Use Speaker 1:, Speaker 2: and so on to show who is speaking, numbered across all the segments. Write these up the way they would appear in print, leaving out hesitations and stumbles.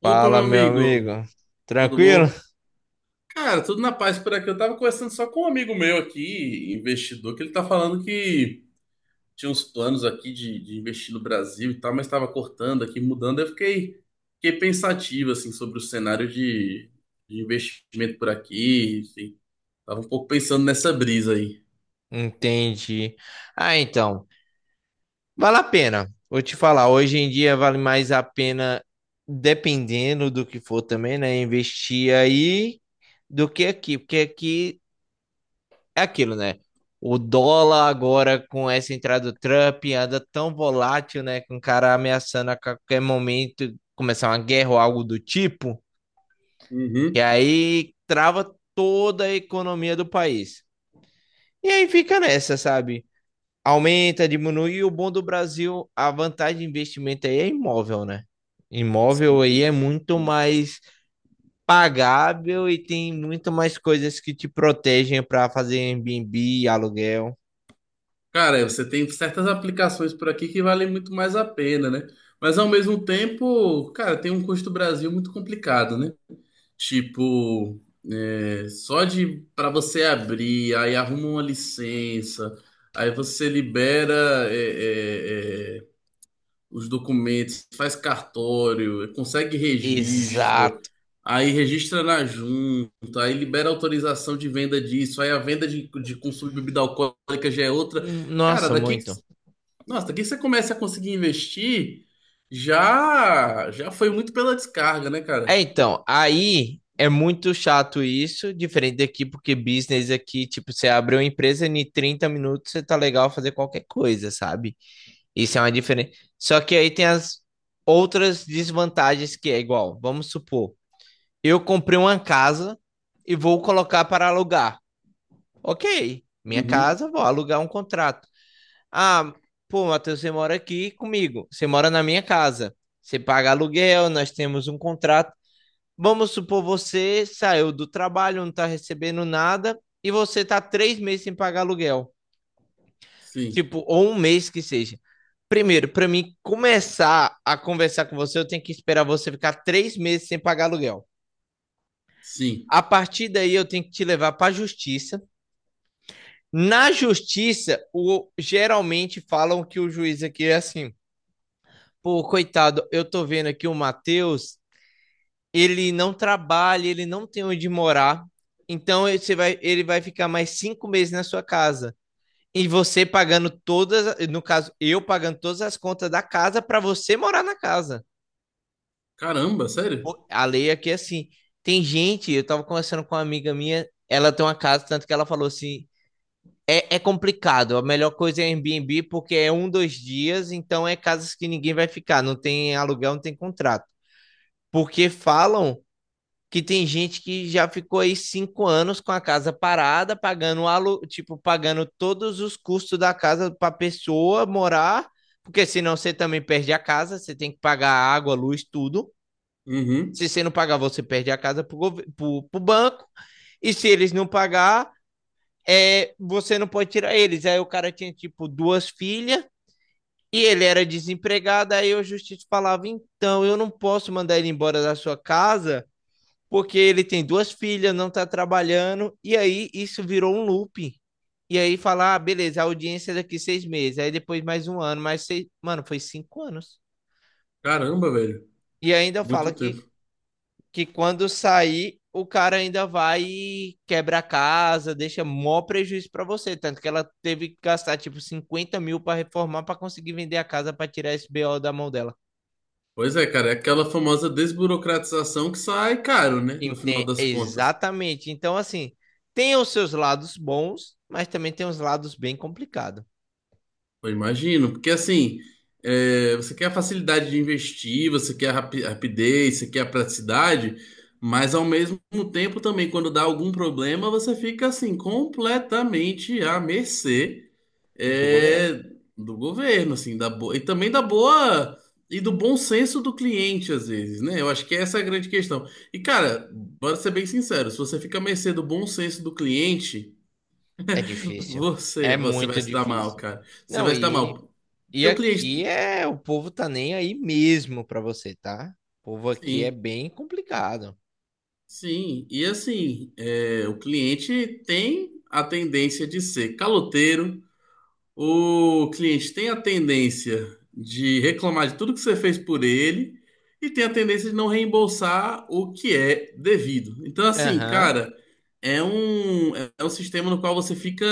Speaker 1: Opa,
Speaker 2: Fala,
Speaker 1: meu
Speaker 2: meu
Speaker 1: amigo,
Speaker 2: amigo.
Speaker 1: tudo
Speaker 2: Tranquilo?
Speaker 1: bom? Cara, tudo na paz por aqui. Eu tava conversando só com um amigo meu aqui, investidor, que ele tá falando que tinha uns planos aqui de investir no Brasil e tal, mas tava cortando aqui, mudando. Fiquei pensativo, assim, sobre o de investimento por aqui, enfim. Tava um pouco pensando nessa brisa aí.
Speaker 2: Entendi. Ah, então, vale a pena. Vou te falar, hoje em dia vale mais a pena, dependendo do que for também, né? Investir aí do que aqui, porque aqui é aquilo, né? O dólar agora com essa entrada do Trump anda tão volátil, né? Com o cara ameaçando a qualquer momento começar uma guerra ou algo do tipo, e
Speaker 1: Uhum.
Speaker 2: aí trava toda a economia do país. E aí fica nessa, sabe? Aumenta, diminui. E o bom do Brasil, a vantagem de investimento aí é imóvel, né? Imóvel aí é muito mais pagável e tem muito mais coisas que te protegem para fazer Airbnb, aluguel.
Speaker 1: Cara, você tem certas aplicações por aqui que valem muito mais a pena, né? Mas ao mesmo tempo, cara, tem um custo Brasil muito complicado, né? Tipo, só de para você abrir, aí arruma uma licença, aí você libera é, é, é, os documentos, faz cartório, consegue registro,
Speaker 2: Exato.
Speaker 1: aí registra na junta, aí libera autorização de venda disso, aí a de consumo de bebida alcoólica já é outra. Cara,
Speaker 2: Nossa, muito.
Speaker 1: nossa, daqui que você começa a conseguir investir, já já foi muito pela descarga, né,
Speaker 2: É,
Speaker 1: cara?
Speaker 2: então, aí é muito chato isso, diferente daqui, porque business aqui, tipo, você abre uma empresa e em 30 minutos você tá legal fazer qualquer coisa, sabe? Isso é uma diferença. Só que aí tem as outras desvantagens que é igual. Vamos supor, eu comprei uma casa e vou colocar para alugar. Ok, minha
Speaker 1: Uhum,
Speaker 2: casa, vou alugar um contrato. Ah, pô, Matheus, você mora aqui comigo. Você mora na minha casa. Você paga aluguel, nós temos um contrato. Vamos supor, você saiu do trabalho, não está recebendo nada e você está 3 meses sem pagar aluguel.
Speaker 1: sim,
Speaker 2: Tipo, ou um mês que seja. Primeiro, pra mim começar a conversar com você, eu tenho que esperar você ficar 3 meses sem pagar aluguel.
Speaker 1: sim.
Speaker 2: A partir daí, eu tenho que te levar pra justiça. Na justiça, geralmente falam que o juiz aqui é assim. Pô, coitado, eu tô vendo aqui o Matheus, ele não trabalha, ele não tem onde morar. Então, você vai, ele vai ficar mais 5 meses na sua casa. E você pagando todas, no caso, eu pagando todas as contas da casa para você morar na casa.
Speaker 1: Caramba, sério?
Speaker 2: Pô, a lei aqui é assim. Tem gente, eu tava conversando com uma amiga minha, ela tem uma casa, tanto que ela falou assim: é complicado, a melhor coisa é Airbnb porque é um, 2 dias, então é casas que ninguém vai ficar, não tem aluguel, não tem contrato. Porque falam que tem gente que já ficou aí 5 anos com a casa parada, pagando tipo, pagando todos os custos da casa para a pessoa morar, porque senão você também perde a casa, você tem que pagar água, luz, tudo.
Speaker 1: Uhum.
Speaker 2: Se você não pagar, você perde a casa para o banco. E se eles não pagar, você não pode tirar eles. Aí o cara tinha, tipo, duas filhas e ele era desempregado. Aí o justiça falava: então, eu não posso mandar ele embora da sua casa porque ele tem duas filhas, não tá trabalhando, e aí isso virou um looping. E aí falar, ah, beleza, a audiência é daqui 6 meses, aí depois mais um ano, mais seis. Mano, foi 5 anos.
Speaker 1: Caramba, velho.
Speaker 2: E ainda fala
Speaker 1: Muito
Speaker 2: que,
Speaker 1: tempo.
Speaker 2: que quando sair, o cara ainda vai e quebra a casa, deixa mó prejuízo pra você. Tanto que ela teve que gastar tipo 50 mil pra reformar pra conseguir vender a casa pra tirar esse BO da mão dela.
Speaker 1: Pois é, cara, é aquela famosa desburocratização que sai caro, né? No final das contas.
Speaker 2: Exatamente. Então, assim, tem os seus lados bons, mas também tem os lados bem complicados
Speaker 1: Eu imagino, porque assim, é, você quer a facilidade de investir, você quer a rapidez, você quer a praticidade, mas ao mesmo tempo também, quando dá algum problema, você fica assim, completamente à mercê,
Speaker 2: do governo.
Speaker 1: é, do governo, assim, da boa, e também da boa e do bom senso do cliente, às vezes, né? Eu acho que essa é a grande questão. E, cara, bora ser bem sincero, se você fica à mercê do bom senso do cliente,
Speaker 2: É difícil. É
Speaker 1: você vai
Speaker 2: muito
Speaker 1: se dar mal,
Speaker 2: difícil.
Speaker 1: cara. Você
Speaker 2: Não,
Speaker 1: vai se dar
Speaker 2: e,
Speaker 1: mal.
Speaker 2: e
Speaker 1: Porque o
Speaker 2: aqui
Speaker 1: cliente.
Speaker 2: é o povo tá nem aí mesmo pra você, tá? O povo aqui é
Speaker 1: Sim,
Speaker 2: bem complicado.
Speaker 1: sim. E assim, é, o cliente tem a tendência de ser caloteiro, o cliente tem a tendência de reclamar de tudo que você fez por ele e tem a tendência de não reembolsar o que é devido. Então, assim,
Speaker 2: Aham.
Speaker 1: cara, é é um sistema no qual você fica.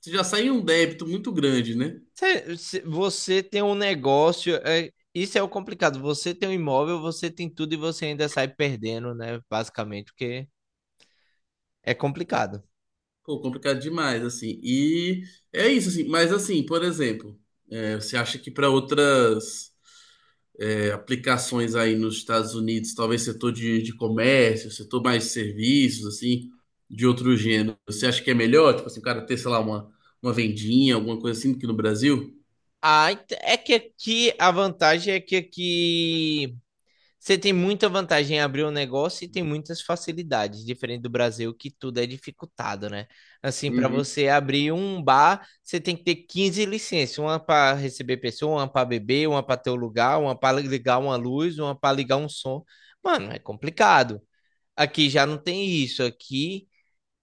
Speaker 1: Você já sai em um débito muito grande, né?
Speaker 2: Você tem um negócio, isso é o complicado. Você tem um imóvel, você tem tudo e você ainda sai perdendo, né? Basicamente, porque é complicado.
Speaker 1: Pô, complicado demais, assim. E é isso, assim. Mas, assim, por exemplo, é, você acha que para aplicações aí nos Estados Unidos, talvez de comércio, setor mais de serviços, assim, de outro gênero, você acha que é melhor? Tipo assim, o cara ter, sei lá, uma vendinha, alguma coisa assim, do que no Brasil?
Speaker 2: Ah, é que aqui a vantagem é que aqui você tem muita vantagem em abrir um negócio e tem muitas facilidades, diferente do Brasil, que tudo é dificultado, né? Assim, para
Speaker 1: Uhum.
Speaker 2: você abrir um bar, você tem que ter 15 licenças, uma para receber pessoa, uma para beber, uma para ter o lugar, uma para ligar uma luz, uma para ligar um som. Mano, é complicado. Aqui já não tem isso. Aqui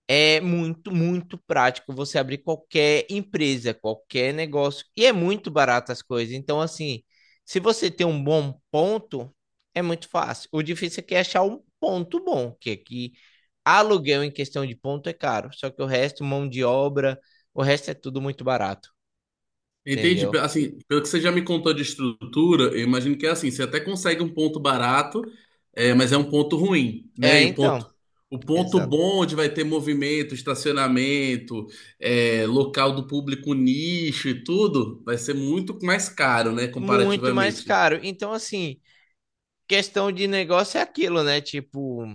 Speaker 2: é muito, muito prático você abrir qualquer empresa, qualquer negócio. E é muito barato as coisas. Então, assim, se você tem um bom ponto, é muito fácil. O difícil é que é achar um ponto bom, que aqui aluguel em questão de ponto é caro. Só que o resto, mão de obra, o resto é tudo muito barato,
Speaker 1: Entendi.
Speaker 2: entendeu?
Speaker 1: Assim, pelo que você já me contou de estrutura, eu imagino que é assim, você até consegue um ponto barato, é, mas é um ponto ruim, né?
Speaker 2: É, então,
Speaker 1: O ponto
Speaker 2: exato.
Speaker 1: bom onde vai ter movimento, estacionamento, é, local do público nicho e tudo, vai ser muito mais caro, né?
Speaker 2: Muito mais
Speaker 1: Comparativamente.
Speaker 2: caro. Então, assim, questão de negócio é aquilo, né? Tipo,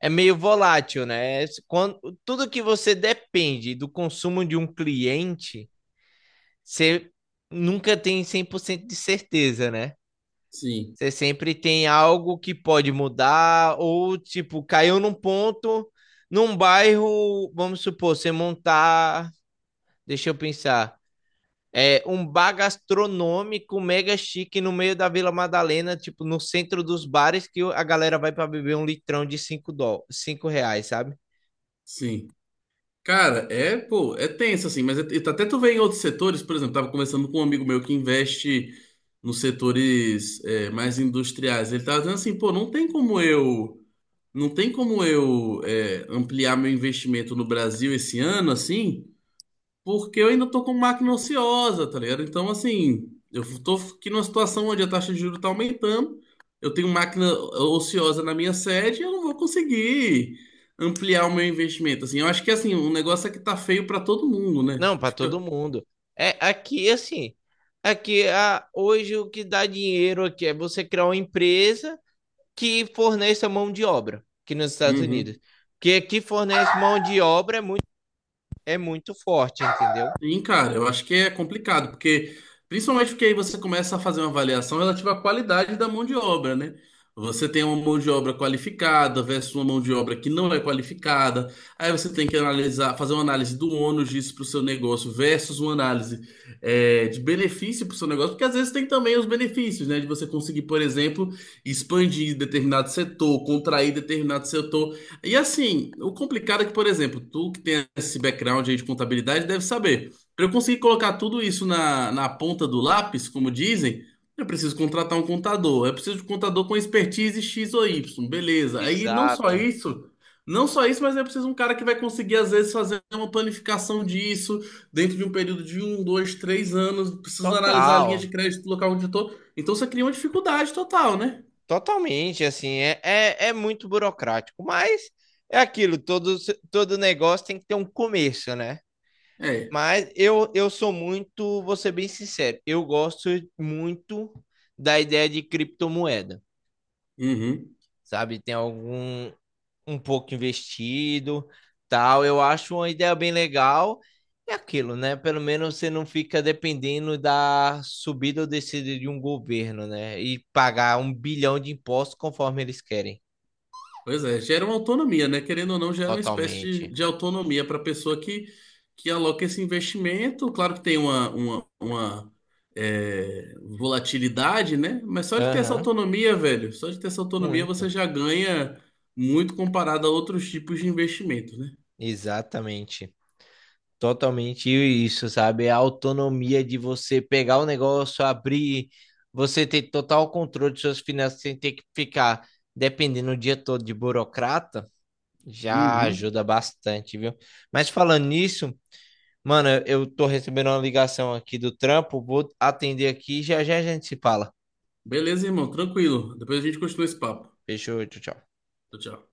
Speaker 2: é meio volátil, né? Quando, tudo que você depende do consumo de um cliente, você nunca tem 100% de certeza, né?
Speaker 1: Sim,
Speaker 2: Você sempre tem algo que pode mudar, ou tipo, caiu num ponto, num bairro, vamos supor, você montar, deixa eu pensar, um bar gastronômico mega chique no meio da Vila Madalena, tipo, no centro dos bares, que a galera vai para beber um litrão de R$ 5, sabe?
Speaker 1: sim. Cara, é, pô, é tenso assim, mas até tu vê em outros setores, por exemplo, tava conversando com um amigo meu que investe nos setores mais industriais. Ele tava dizendo assim, pô, não tem como eu é, ampliar meu investimento no Brasil esse ano assim, porque eu ainda tô com máquina ociosa, tá ligado? Então, assim, eu tô aqui numa situação onde a taxa de juros tá aumentando, eu tenho máquina ociosa na minha sede, eu não vou conseguir ampliar o meu investimento. Assim, eu acho que, assim, o negócio é que tá feio pra todo mundo, né?
Speaker 2: Não, para todo
Speaker 1: Fica...
Speaker 2: mundo. É aqui assim, hoje o que dá dinheiro aqui é você criar uma empresa que forneça mão de obra aqui nos Estados Unidos.
Speaker 1: Uhum.
Speaker 2: Que aqui fornece mão de obra é muito forte, entendeu?
Speaker 1: Sim, cara, eu acho que é complicado, porque principalmente porque aí você começa a fazer uma avaliação relativa à qualidade da mão de obra, né? Você tem uma mão de obra qualificada versus uma mão de obra que não é qualificada. Aí você tem que analisar, fazer uma análise do ônus disso para o seu negócio versus uma análise é, de benefício para o seu negócio, porque às vezes tem também os benefícios, né? De você conseguir, por exemplo, expandir determinado setor, contrair determinado setor. E assim, o complicado é que, por exemplo, tu que tem esse background aí de contabilidade deve saber. Para eu conseguir colocar tudo isso na ponta do lápis, como dizem, eu preciso contratar um contador. Eu preciso de um contador com expertise X ou Y, beleza. Aí não só
Speaker 2: Exato.
Speaker 1: isso, não só isso, mas eu preciso de um cara que vai conseguir, às vezes, fazer uma planificação disso dentro de um período de um, dois, três anos. Preciso analisar a linha de
Speaker 2: Total.
Speaker 1: crédito do local onde eu estou. Então você cria uma dificuldade total, né?
Speaker 2: Totalmente, assim, é muito burocrático, mas é aquilo, todo negócio tem que ter um começo, né?
Speaker 1: É.
Speaker 2: Mas eu sou muito, vou ser bem sincero, eu gosto muito da ideia de criptomoeda,
Speaker 1: Uhum.
Speaker 2: sabe? Tem algum, um pouco investido, tal, eu acho uma ideia bem legal, é aquilo, né? Pelo menos você não fica dependendo da subida ou descida de um governo, né? E pagar um bilhão de impostos conforme eles querem.
Speaker 1: Pois é, gera uma autonomia, né? Querendo ou não, gera uma espécie
Speaker 2: Totalmente.
Speaker 1: de autonomia para a pessoa que aloca esse investimento. Claro que tem uma volatilidade, né? Mas só de ter essa
Speaker 2: Aham,
Speaker 1: autonomia, velho, só de ter essa autonomia você
Speaker 2: muito.
Speaker 1: já ganha muito comparado a outros tipos de investimento, né?
Speaker 2: Exatamente. Totalmente isso, sabe? É a autonomia de você pegar o negócio, abrir, você ter total controle de suas finanças sem ter que ficar dependendo o dia todo de burocrata, já
Speaker 1: Uhum.
Speaker 2: ajuda bastante, viu? Mas falando nisso, mano, eu tô recebendo uma ligação aqui do trampo, vou atender aqui e já já a gente se fala.
Speaker 1: Beleza, irmão, tranquilo. Depois a gente continua esse papo.
Speaker 2: Fechou, tchau, tchau.
Speaker 1: Tchau, tchau.